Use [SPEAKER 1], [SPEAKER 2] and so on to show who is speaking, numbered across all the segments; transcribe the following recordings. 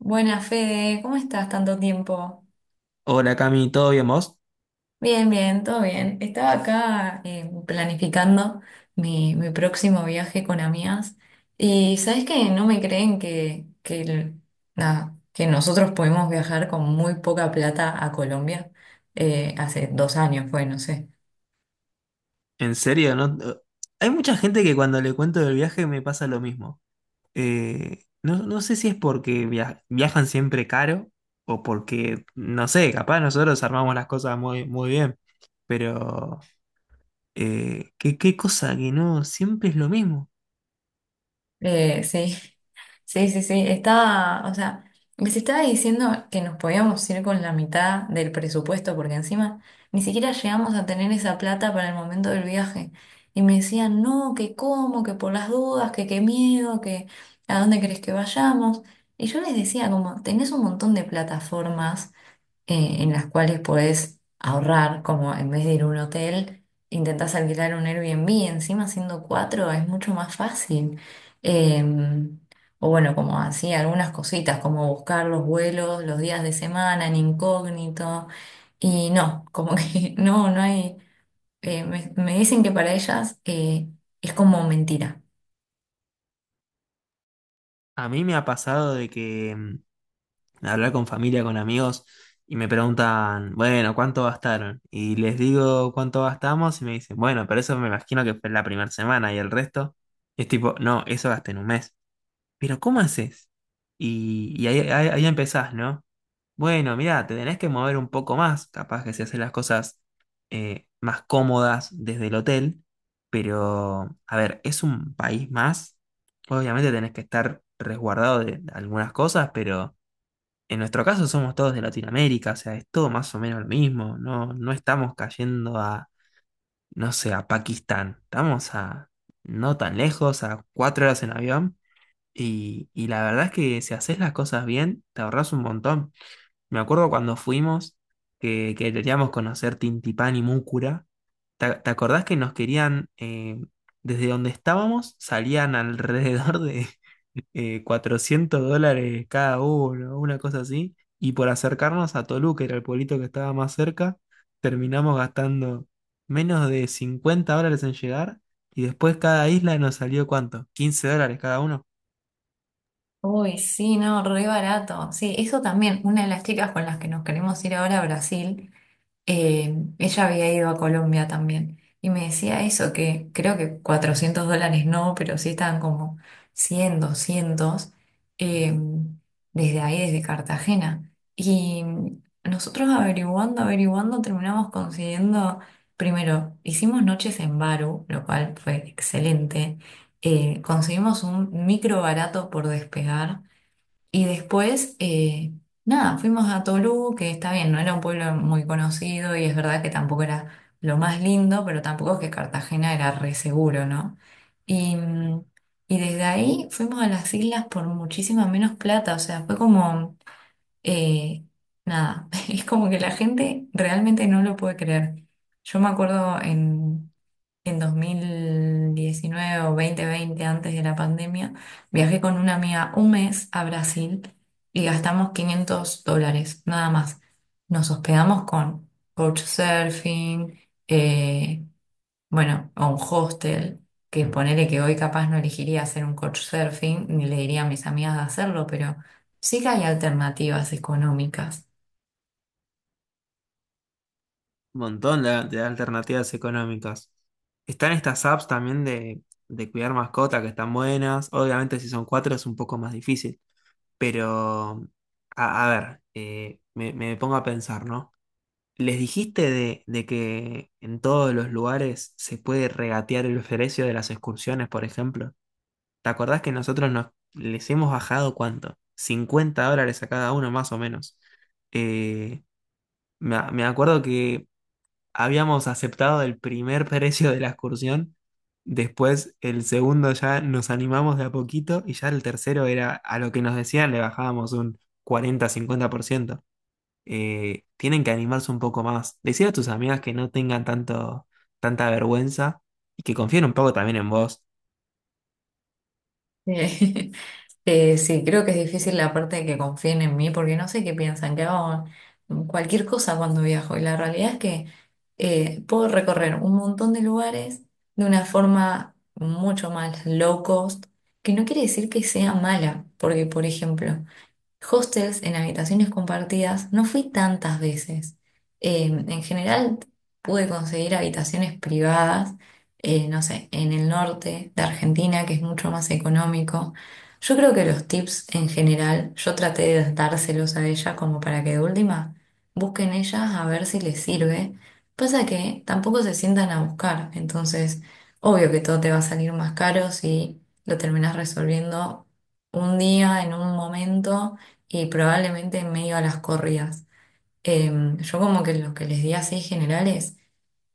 [SPEAKER 1] Buenas, Fede, ¿cómo estás tanto tiempo?
[SPEAKER 2] Hola Cami, ¿todo bien vos?
[SPEAKER 1] Bien, bien, todo bien. Estaba acá, planificando mi próximo viaje con amigas y sabes que no me creen nada, que nosotros pudimos viajar con muy poca plata a Colombia, hace 2 años, fue, no sé.
[SPEAKER 2] ¿En serio? ¿No? Hay mucha gente que cuando le cuento del viaje me pasa lo mismo. No sé si es porque viajan siempre caro o porque, no sé, capaz nosotros armamos las cosas muy, muy bien, pero ¿qué cosa que no, siempre es lo mismo.
[SPEAKER 1] Sí, sí, sí, sí, estaba, o sea, les estaba diciendo que nos podíamos ir con la mitad del presupuesto porque encima ni siquiera llegamos a tener esa plata para el momento del viaje. Y me decían, no, que cómo, que por las dudas, que qué miedo, que a dónde querés que vayamos. Y yo les decía, como, tenés un montón de plataformas, en las cuales podés ahorrar, como en vez de ir a un hotel, intentás alquilar un Airbnb, encima siendo cuatro es mucho más fácil. Em, o bueno, como así, algunas cositas, como buscar los vuelos, los días de semana en incógnito, y no, como que no, no hay, me dicen que para ellas, es como mentira.
[SPEAKER 2] A mí me ha pasado de que hablar con familia, con amigos, y me preguntan, bueno, ¿cuánto gastaron? Y les digo cuánto gastamos y me dicen, bueno, pero eso me imagino que fue la primera semana y el resto. Y es tipo, no, eso gasté en un mes. Pero ¿cómo haces? Y ahí empezás, ¿no? Bueno, mira, te tenés que mover un poco más, capaz que se hacen las cosas más cómodas desde el hotel, pero a ver, es un país más, obviamente tenés que estar resguardado de algunas cosas, pero en nuestro caso somos todos de Latinoamérica, o sea, es todo más o menos lo mismo, no, no estamos cayendo a, no sé, a Pakistán, estamos a no tan lejos, a 4 horas en avión, y la verdad es que si haces las cosas bien, te ahorras un montón. Me acuerdo cuando fuimos, que queríamos conocer Tintipán y Múcura, ¿te, te acordás que nos querían, desde donde estábamos, salían alrededor de, $400 cada uno, una cosa así? Y por acercarnos a Toluca, era el pueblito que estaba más cerca, terminamos gastando menos de $50 en llegar. Y después cada isla nos salió ¿cuánto? $15 cada uno.
[SPEAKER 1] Uy, sí, no, re barato. Sí, eso también, una de las chicas con las que nos queremos ir ahora a Brasil. Ella había ido a Colombia también y me decía eso, que creo que $400 no, pero sí estaban como 100, 200, eh, desde ahí, desde Cartagena. Y nosotros averiguando, averiguando, terminamos consiguiendo. Primero, hicimos noches en Baru, lo cual fue excelente. Conseguimos un micro barato por despegar y después, nada, fuimos a Tolú, que está bien, no era un pueblo muy conocido y es verdad que tampoco era lo más lindo, pero tampoco es que Cartagena era re seguro, ¿no? Y, mm, y desde ahí fuimos a las islas por muchísima menos plata, o sea, fue como, eh, nada, es como que la gente realmente no lo puede creer. Yo me acuerdo en 2019 o 2020, antes de la pandemia, viajé con una amiga un mes a Brasil y gastamos $500, nada más. Nos hospedamos con couchsurfing, eh, bueno, o un hostel, que ponele que hoy capaz no elegiría hacer un couchsurfing, ni le diría a mis amigas de hacerlo, pero sí que hay alternativas económicas.
[SPEAKER 2] Un montón de alternativas económicas. Están estas apps también de cuidar mascotas que están buenas. Obviamente si son cuatro es un poco más difícil. Pero, a ver, me pongo a pensar, ¿no? ¿Les dijiste de que en todos los lugares se puede regatear el precio de las excursiones, por ejemplo? ¿Te acordás que nosotros nos, les hemos bajado cuánto? $50 a cada uno, más o menos. Eh, me acuerdo que habíamos aceptado el primer precio de la excursión, después el segundo ya nos animamos de a poquito y ya el tercero era a lo que nos decían le bajábamos un 40-50%, tienen que animarse un poco más. Decir a tus amigas que no tengan tanto, tanta vergüenza y que confíen un poco también en vos.
[SPEAKER 1] Eh, sí, creo que es difícil la parte de que confíen en mí, porque no sé qué piensan, que hago cualquier cosa cuando viajo. Y la realidad es que, puedo recorrer un montón de lugares de una forma mucho más low cost, que no quiere decir que sea mala, porque, por ejemplo, hostels en habitaciones compartidas no fui tantas veces. En general pude conseguir habitaciones privadas, no sé, en el norte de Argentina, que es mucho más económico. Yo creo que los tips en general, yo traté de dárselos a ella como para que de última busquen ellas a ver si les sirve. Pasa que tampoco se sientan a buscar, entonces obvio que todo te va a salir más caro si lo terminas resolviendo un día, en un momento, y probablemente en medio a las corridas. Yo como que lo que les di así general es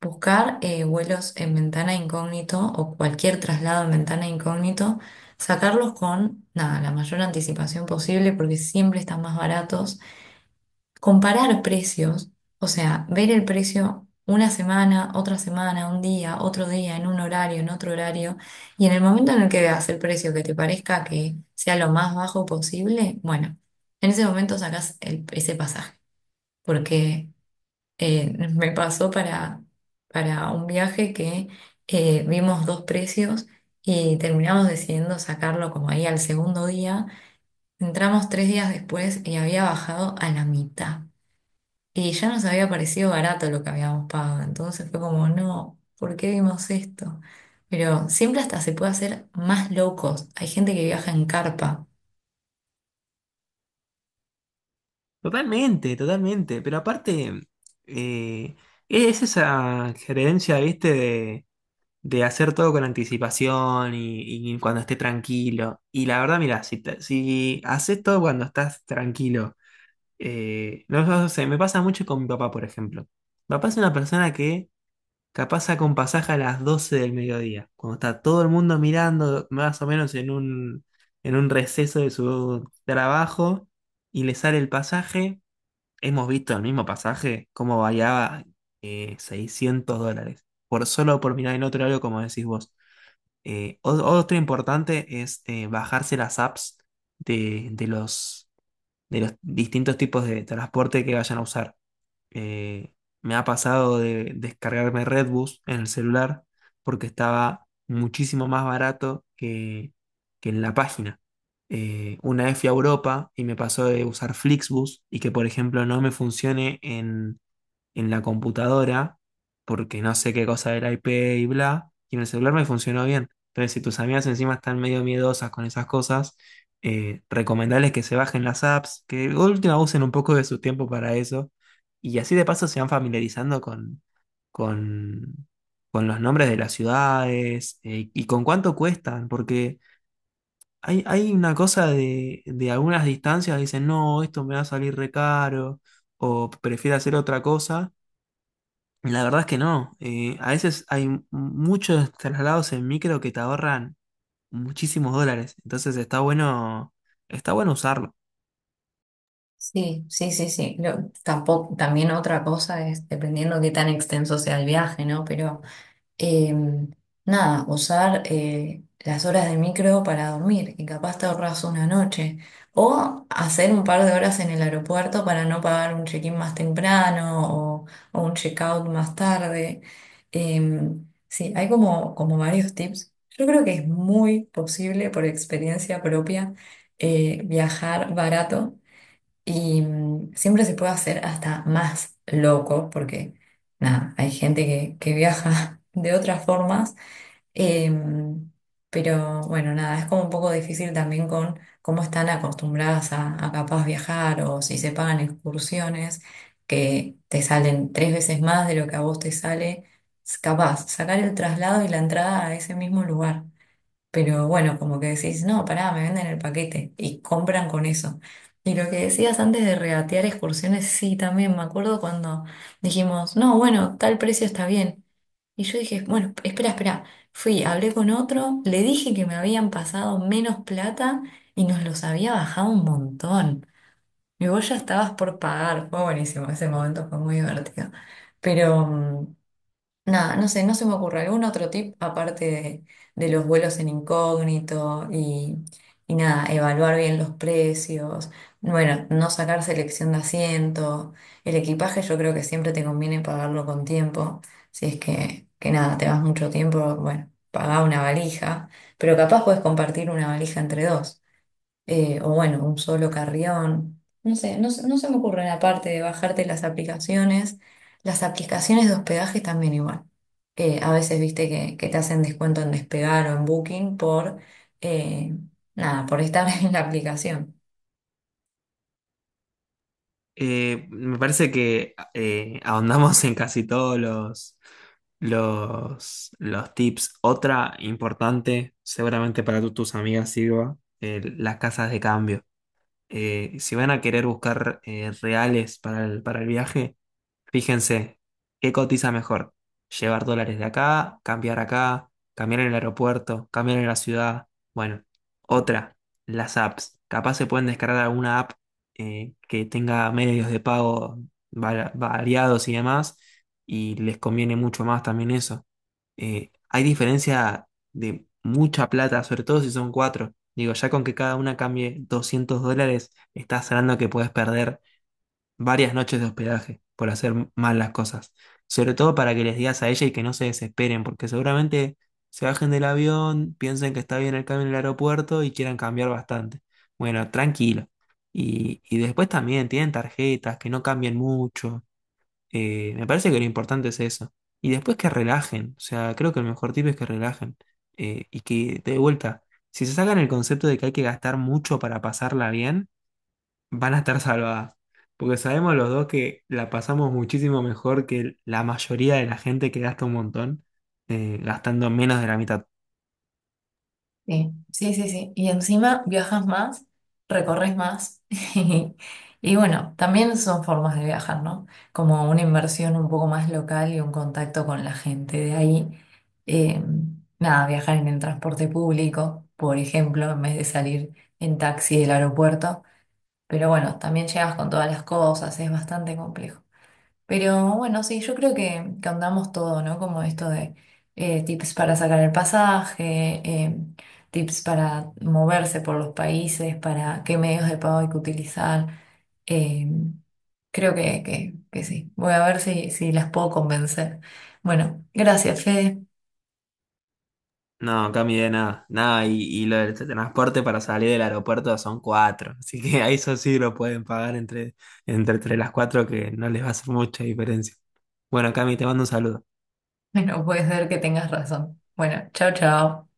[SPEAKER 1] buscar, vuelos en ventana incógnito o cualquier traslado en ventana incógnito, sacarlos con nada, la mayor anticipación posible porque siempre están más baratos, comparar precios, o sea, ver el precio una semana, otra semana, un día, otro día, en un horario, en otro horario, y en el momento en el que veas el precio que te parezca que sea lo más bajo posible, bueno, en ese momento sacas ese pasaje, porque, me pasó para un viaje que, vimos dos precios y terminamos decidiendo sacarlo como ahí al segundo día. Entramos 3 días después y había bajado a la mitad. Y ya nos había parecido barato lo que habíamos pagado, entonces fue como, no, ¿por qué vimos esto? Pero siempre hasta se puede hacer más low cost. Hay gente que viaja en carpa.
[SPEAKER 2] Totalmente, totalmente. Pero aparte, eh, es esa creencia, viste, de hacer todo con anticipación y cuando esté tranquilo. Y la verdad, mira, si, si haces todo cuando estás tranquilo, no sé, me pasa mucho con mi papá, por ejemplo. Mi papá es una persona que capaz saca un pasaje a las 12 del mediodía, cuando está todo el mundo mirando más o menos en un receso de su trabajo y le sale el pasaje. Hemos visto el mismo pasaje, cómo variaba $600, por solo por mirar en otro horario, como decís vos. Otro importante es bajarse las apps de, de los de los distintos tipos de transporte que vayan a usar. Eh, me ha pasado de descargarme Redbus en el celular porque estaba muchísimo más barato que en la página. Una vez fui a Europa y me pasó de usar Flixbus y que, por ejemplo, no me funcione en la computadora porque no sé qué cosa del IP y bla, y en el celular me funcionó bien. Entonces, si tus amigas encima están medio miedosas con esas cosas, recomendarles que se bajen las apps, que de última usen un poco de su tiempo para eso, y así de paso se van familiarizando con, con los nombres de las ciudades, y con cuánto cuestan, porque... Hay una cosa de algunas distancias, dicen, no, esto me va a salir re caro, o prefiero hacer otra cosa, la verdad es que no. A veces hay muchos traslados en micro que te ahorran muchísimos dólares. Entonces está bueno usarlo.
[SPEAKER 1] Sí, sí, sí, sí. Tampoco, también otra cosa es dependiendo qué tan extenso sea el viaje, ¿no? Pero, eh, nada, usar, las horas de micro para dormir y capaz te ahorras una noche. O hacer un par de horas en el aeropuerto para no pagar un check-in más temprano, o un check-out más tarde. Eh, sí, hay, como varios tips. Yo creo que es muy posible, por experiencia propia, viajar barato y, siempre se puede hacer hasta más loco, porque nada, hay gente que viaja de otras formas. Em, pero bueno, nada, es como un poco difícil también con cómo están acostumbradas a capaz viajar, o si se pagan excursiones que te salen 3 veces más de lo que a vos te sale, capaz sacar el traslado y la entrada a ese mismo lugar. Pero bueno, como que decís, no, pará, me venden el paquete y compran con eso. Y lo que decías antes de regatear excursiones, sí, también me acuerdo cuando dijimos, no, bueno, tal precio está bien. Y yo dije, bueno, espera, espera. Fui, hablé con otro, le dije que me habían pasado menos plata y nos los había bajado un montón. Y vos ya estabas por pagar. Fue buenísimo, ese momento fue muy divertido. Pero, nada, no sé, no se me ocurre algún otro tip aparte de los vuelos en incógnito y nada, evaluar bien los precios, bueno, no sacar selección de asiento, el equipaje yo creo que siempre te conviene pagarlo con tiempo, si es que nada, te vas mucho tiempo, bueno, pagá una valija, pero capaz puedes compartir una valija entre dos, o bueno, un solo carrión. No sé, no, no se me ocurre la parte de bajarte las aplicaciones. Las aplicaciones de hospedaje también igual. A veces viste que te hacen descuento en Despegar o en Booking por, eh, nada, por estar en la aplicación.
[SPEAKER 2] Me parece que ahondamos en casi todos los tips. Otra importante, seguramente para tus amigas sirva, las casas de cambio. Si van a querer buscar reales para el viaje. Fíjense, ¿qué cotiza mejor? Llevar dólares de acá, cambiar en el aeropuerto, cambiar en la ciudad. Bueno, otra, las apps. Capaz se pueden descargar alguna app, que tenga medios de pago variados y demás, y les conviene mucho más también eso. Hay diferencia de mucha plata, sobre todo si son cuatro. Digo, ya con que cada una cambie $200, estás hablando que puedes perder varias noches de hospedaje por hacer mal las cosas. Sobre todo para que les digas a ella y que no se desesperen, porque seguramente se bajen del avión, piensen que está bien el cambio en el aeropuerto y quieran cambiar bastante. Bueno, tranquilo. Y después también tienen tarjetas, que no cambien mucho. Me parece que lo importante es eso. Y después que relajen. O sea, creo que el mejor tip es que relajen. Y que, de vuelta, si se sacan el concepto de que hay que gastar mucho para pasarla bien, van a estar salvadas. Porque sabemos los dos que la pasamos muchísimo mejor que la mayoría de la gente que gasta un montón, gastando menos de la mitad.
[SPEAKER 1] Sí, sí, sí, sí. Y encima viajas más, recorres más. Y, bueno, también son formas de viajar, ¿no? Como una inversión un poco más local y un contacto con la gente de ahí. Eh, Nada, viajar en el transporte público, por ejemplo, en vez de salir en taxi del aeropuerto. Pero bueno, también llegas con todas las cosas, es bastante complejo. Pero bueno, sí, yo creo que andamos todo, ¿no? Como esto de, tips para sacar el pasaje, tips para moverse por los países, para qué medios de pago hay que utilizar. Eh, Creo que sí. Voy a ver si las puedo convencer. Bueno, gracias, Fede.
[SPEAKER 2] No, Cami, de nada, nada, y lo del transporte para salir del aeropuerto son cuatro, así que a eso sí lo pueden pagar entre, entre, entre las cuatro que no les va a hacer mucha diferencia. Bueno, Cami, te mando un saludo.
[SPEAKER 1] Bueno, puede ser que tengas razón. Bueno, chao, chao.